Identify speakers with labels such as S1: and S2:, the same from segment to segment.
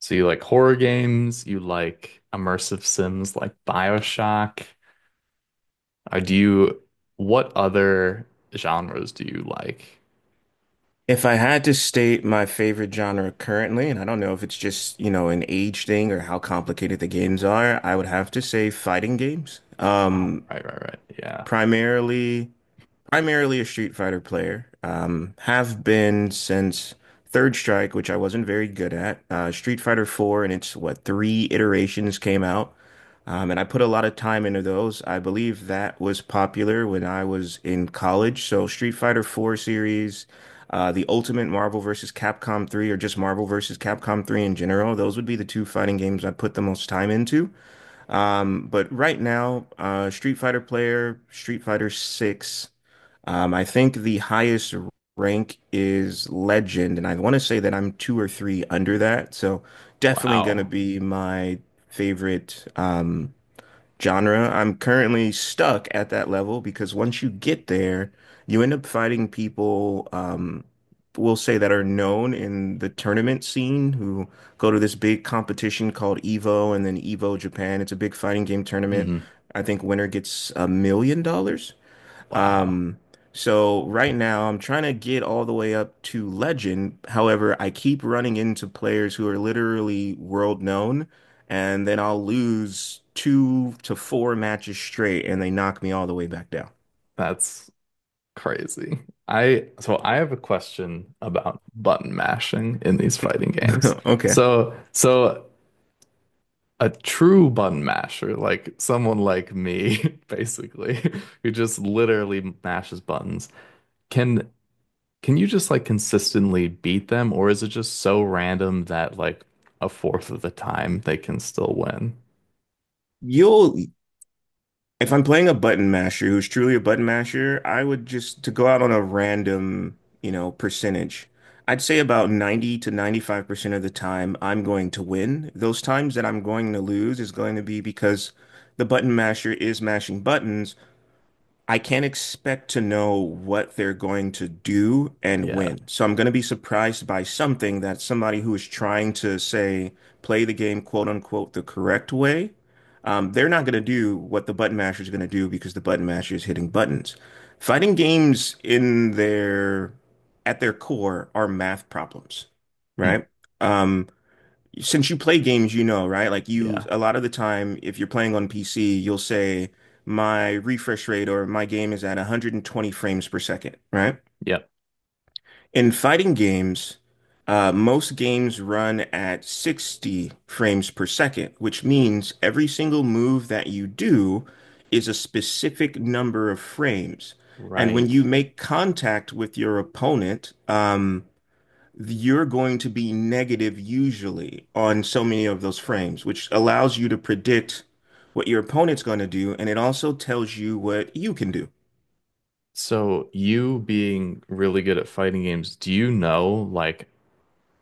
S1: So you like horror games, you like immersive sims like BioShock. Do you, what other genres do you like?
S2: If I had to state my favorite genre currently, and I don't know if it's just, you know, an age thing or how complicated the games are, I would have to say fighting games.
S1: Oh, right, right, right. Yeah.
S2: Primarily. Primarily a Street Fighter player. Have been since Third Strike, which I wasn't very good at. Street Fighter 4 and its what three iterations came out. And I put a lot of time into those. I believe that was popular when I was in college. So Street Fighter 4 series, the Ultimate Marvel vs. Capcom 3, or just Marvel vs. Capcom 3 in general, those would be the two fighting games I put the most time into. But right now, Street Fighter player, Street Fighter 6. I think the highest rank is legend, and I want to say that I'm two or three under that. So definitely gonna
S1: Wow.
S2: be my favorite genre. I'm currently stuck at that level because once you get there, you end up fighting people. We'll say that are known in the tournament scene who go to this big competition called EVO and then EVO Japan. It's a big fighting game tournament.
S1: Hmm.
S2: I think winner gets $1 million.
S1: Wow.
S2: Um, so right now I'm trying to get all the way up to legend. However, I keep running into players who are literally world known, and then I'll lose two to four matches straight, and they knock me all the way back down.
S1: That's crazy. So I have a question about button mashing in these fighting games.
S2: Okay.
S1: So a true button masher, like someone like me, basically, who just literally mashes buttons, can Can you just like consistently beat them, or is it just so random that like a fourth of the time they can still win?
S2: You'll If I'm playing a button masher who's truly a button masher, I would just to go out on a random, you know, percentage. I'd say about 90 to 95% of the time I'm going to win. Those times that I'm going to lose is going to be because the button masher is mashing buttons. I can't expect to know what they're going to do and
S1: Yeah.
S2: when. So I'm going to be surprised by something that somebody who is trying to say, play the game, quote unquote, the correct way, they're not going to do what the button masher is going to do because the button masher is hitting buttons. Fighting games in their at their core are math problems,
S1: Hmm.
S2: right? Um, since you play games, you know, right? Like you,
S1: Yeah.
S2: a lot of the time, if you're playing on PC, you'll say my refresh rate or my game is at 120 frames per second, right?
S1: Yep.
S2: In fighting games, most games run at 60 frames per second, which means every single move that you do is a specific number of frames. And when
S1: Right.
S2: you make contact with your opponent, you're going to be negative usually on so many of those frames, which allows you to predict what your opponent's going to do, and it also tells you what you can do.
S1: So you being really good at fighting games, do you know like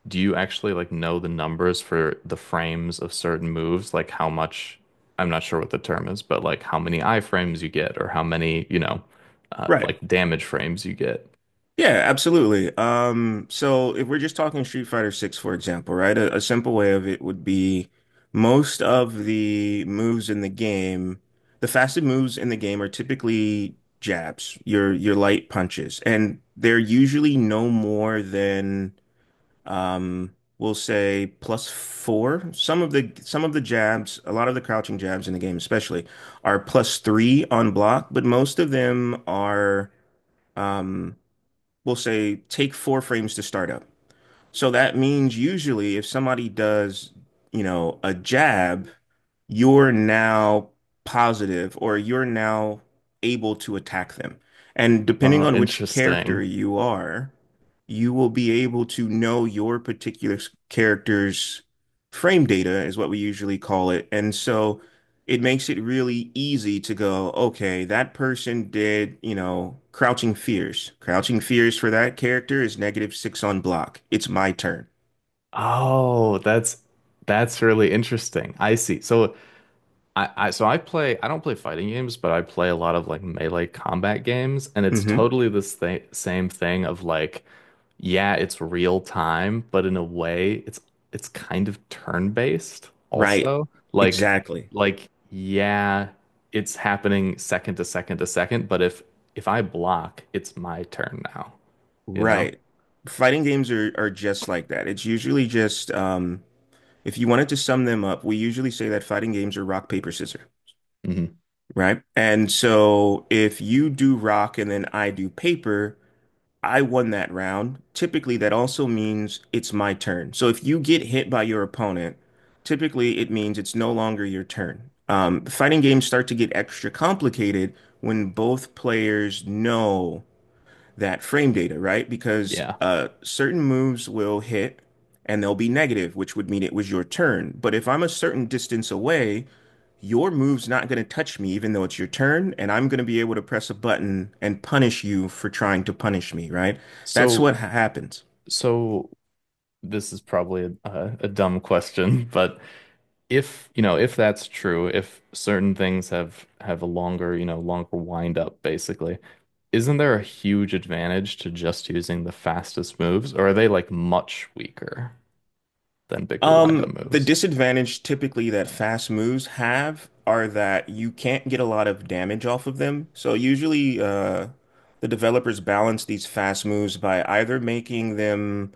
S1: do you actually like know the numbers for the frames of certain moves? Like how much, I'm not sure what the term is, but like how many iframes you get or how many,
S2: Right.
S1: like damage frames you get.
S2: Yeah, absolutely. So if we're just talking Street Fighter 6, for example, right? A simple way of it would be most of the moves in the game, the fastest moves in the game are typically jabs, your light punches, and they're usually no more than we'll say plus four. Some of the jabs, a lot of the crouching jabs in the game, especially, are plus three on block, but most of them are, um, we'll say, take four frames to start up. So that means usually if somebody does, you know, a jab, you're now positive or you're now able to attack them. And depending on which character
S1: Interesting.
S2: you are, you will be able to know your particular character's frame data, is what we usually call it. And so it makes it really easy to go, okay, that person did, you know, Crouching Fears. Crouching Fears for that character is negative six on block. It's my turn.
S1: Oh, that's really interesting. I see. So I don't play fighting games, but I play a lot of like melee combat games, and it's
S2: Hmm.
S1: totally this thing, same thing of like, yeah, it's real time, but in a way it's kind of turn-based
S2: Right.
S1: also.
S2: Exactly.
S1: Like yeah, it's happening second to second to second, but if I block, it's my turn now, you know?
S2: Right. Fighting games are just like that. It's usually just, if you wanted to sum them up, we usually say that fighting games are rock, paper, scissors.
S1: Hmm.
S2: Right. And so if you do rock and then I do paper, I won that round. Typically, that also means it's my turn. So if you get hit by your opponent, typically it means it's no longer your turn. Fighting games start to get extra complicated when both players know that frame data, right? Because
S1: Yeah.
S2: certain moves will hit and they'll be negative, which would mean it was your turn. But if I'm a certain distance away, your move's not going to touch me, even though it's your turn, and I'm going to be able to press a button and punish you for trying to punish me, right? That's
S1: So
S2: what happens.
S1: so this is probably a, dumb question, but if, you know, if that's true, if certain things have a longer, you know, longer wind up basically, isn't there a huge advantage to just using the fastest moves, or are they like much weaker than bigger wind up
S2: The
S1: moves?
S2: disadvantage typically that fast moves have are that you can't get a lot of damage off of them. So usually, the developers balance these fast moves by either making them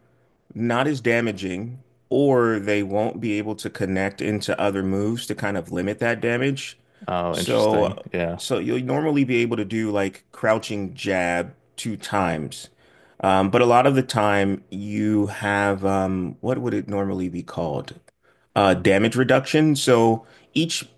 S2: not as damaging, or they won't be able to connect into other moves to kind of limit that damage.
S1: Oh, interesting.
S2: So,
S1: Yeah.
S2: so you'll normally be able to do like crouching jab two times. But a lot of the time you have, what would it normally be called? Damage reduction. So each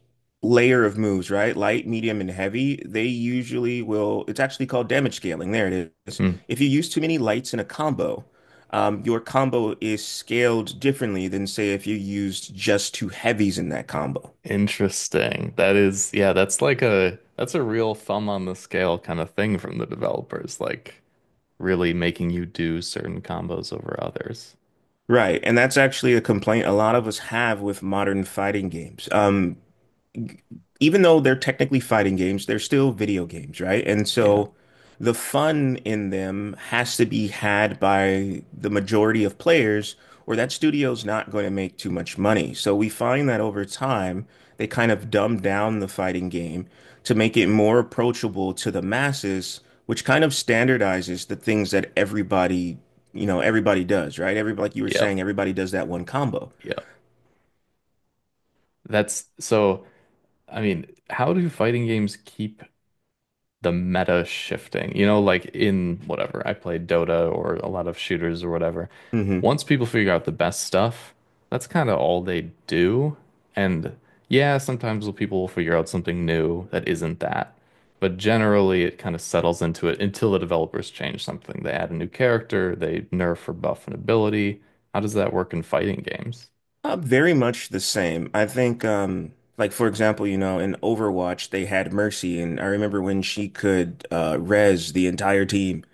S2: layer of moves, right? Light, medium, and heavy, they usually will, it's actually called damage scaling. There it is.
S1: Hmm.
S2: If you use too many lights in a combo, your combo is scaled differently than say if you used just two heavies in that combo.
S1: Interesting. That is, yeah, that's like a that's a real thumb on the scale kind of thing from the developers, like really making you do certain combos over others.
S2: Right, and that's actually a complaint a lot of us have with modern fighting games. Even though they're technically fighting games, they're still video games, right? And
S1: Yeah.
S2: so the fun in them has to be had by the majority of players, or that studio's not going to make too much money. So we find that over time, they kind of dumb down the fighting game to make it more approachable to the masses, which kind of standardizes the things that everybody, you know, everybody does, right? Everybody, like you were
S1: Yep.
S2: saying, everybody does that one combo.
S1: Yeah. That's so, I mean, how do fighting games keep the meta shifting? You know, like in whatever, I played Dota or a lot of shooters or whatever.
S2: Hmm.
S1: Once people figure out the best stuff, that's kind of all they do. And yeah, sometimes people will figure out something new that isn't that. But generally, it kind of settles into it until the developers change something. They add a new character, they nerf or buff an ability. How does that work in fighting games?
S2: Very much the same. I think, like for example, you know, in Overwatch they had Mercy, and I remember when she could res the entire team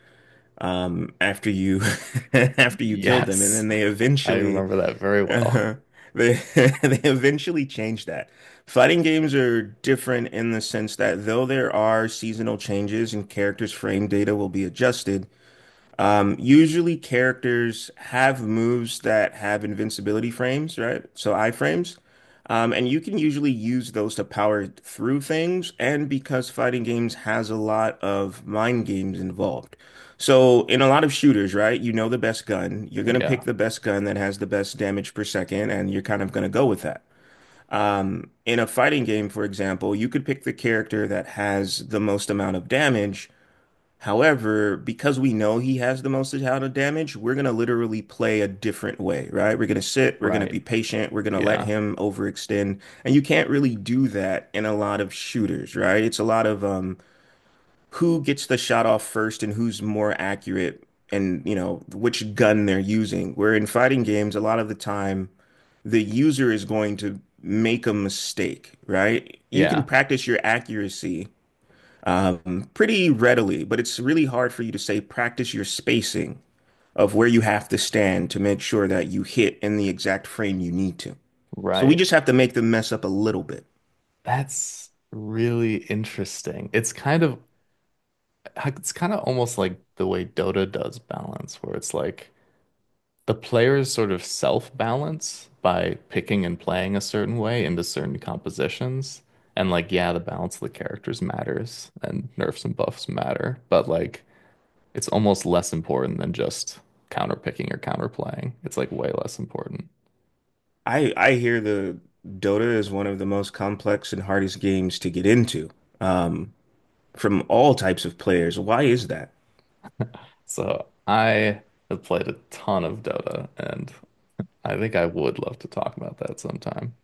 S2: after you after you killed them, and
S1: Yes.
S2: then they
S1: I
S2: eventually
S1: remember that very well.
S2: uh, they they eventually changed that. Fighting games are different in the sense that though there are seasonal changes and characters' frame data will be adjusted, usually characters have moves that have invincibility frames, right? So iframes. And you can usually use those to power through things, and because fighting games has a lot of mind games involved. So in a lot of shooters, right, you know the best gun, you're gonna
S1: Yeah,
S2: pick the best gun that has the best damage per second, and you're kind of gonna go with that. In a fighting game, for example, you could pick the character that has the most amount of damage. However, because we know he has the most amount of damage, we're going to literally play a different way, right? We're going to sit, we're going to
S1: right.
S2: be patient, we're going to let
S1: Yeah,
S2: him overextend. And you can't really do that in a lot of shooters, right? It's a lot of who gets the shot off first and who's more accurate and, you know, which gun they're using. Where in fighting games, a lot of the time, the user is going to make a mistake, right? You can
S1: yeah,
S2: practice your accuracy pretty readily, but it's really hard for you to say practice your spacing of where you have to stand to make sure that you hit in the exact frame you need to. So we
S1: right.
S2: just have to make them mess up a little bit.
S1: That's really interesting. It's kind of almost like the way Dota does balance, where it's like the players sort of self-balance by picking and playing a certain way into certain compositions. And like, yeah, the balance of the characters matters and nerfs and buffs matter, but like it's almost less important than just counterpicking or counterplaying. It's like way less important.
S2: I hear the Dota is one of the most complex and hardest games to get into um, from all types of players. Why is that?
S1: So I have played a ton of Dota, and I think I would love to talk about that sometime.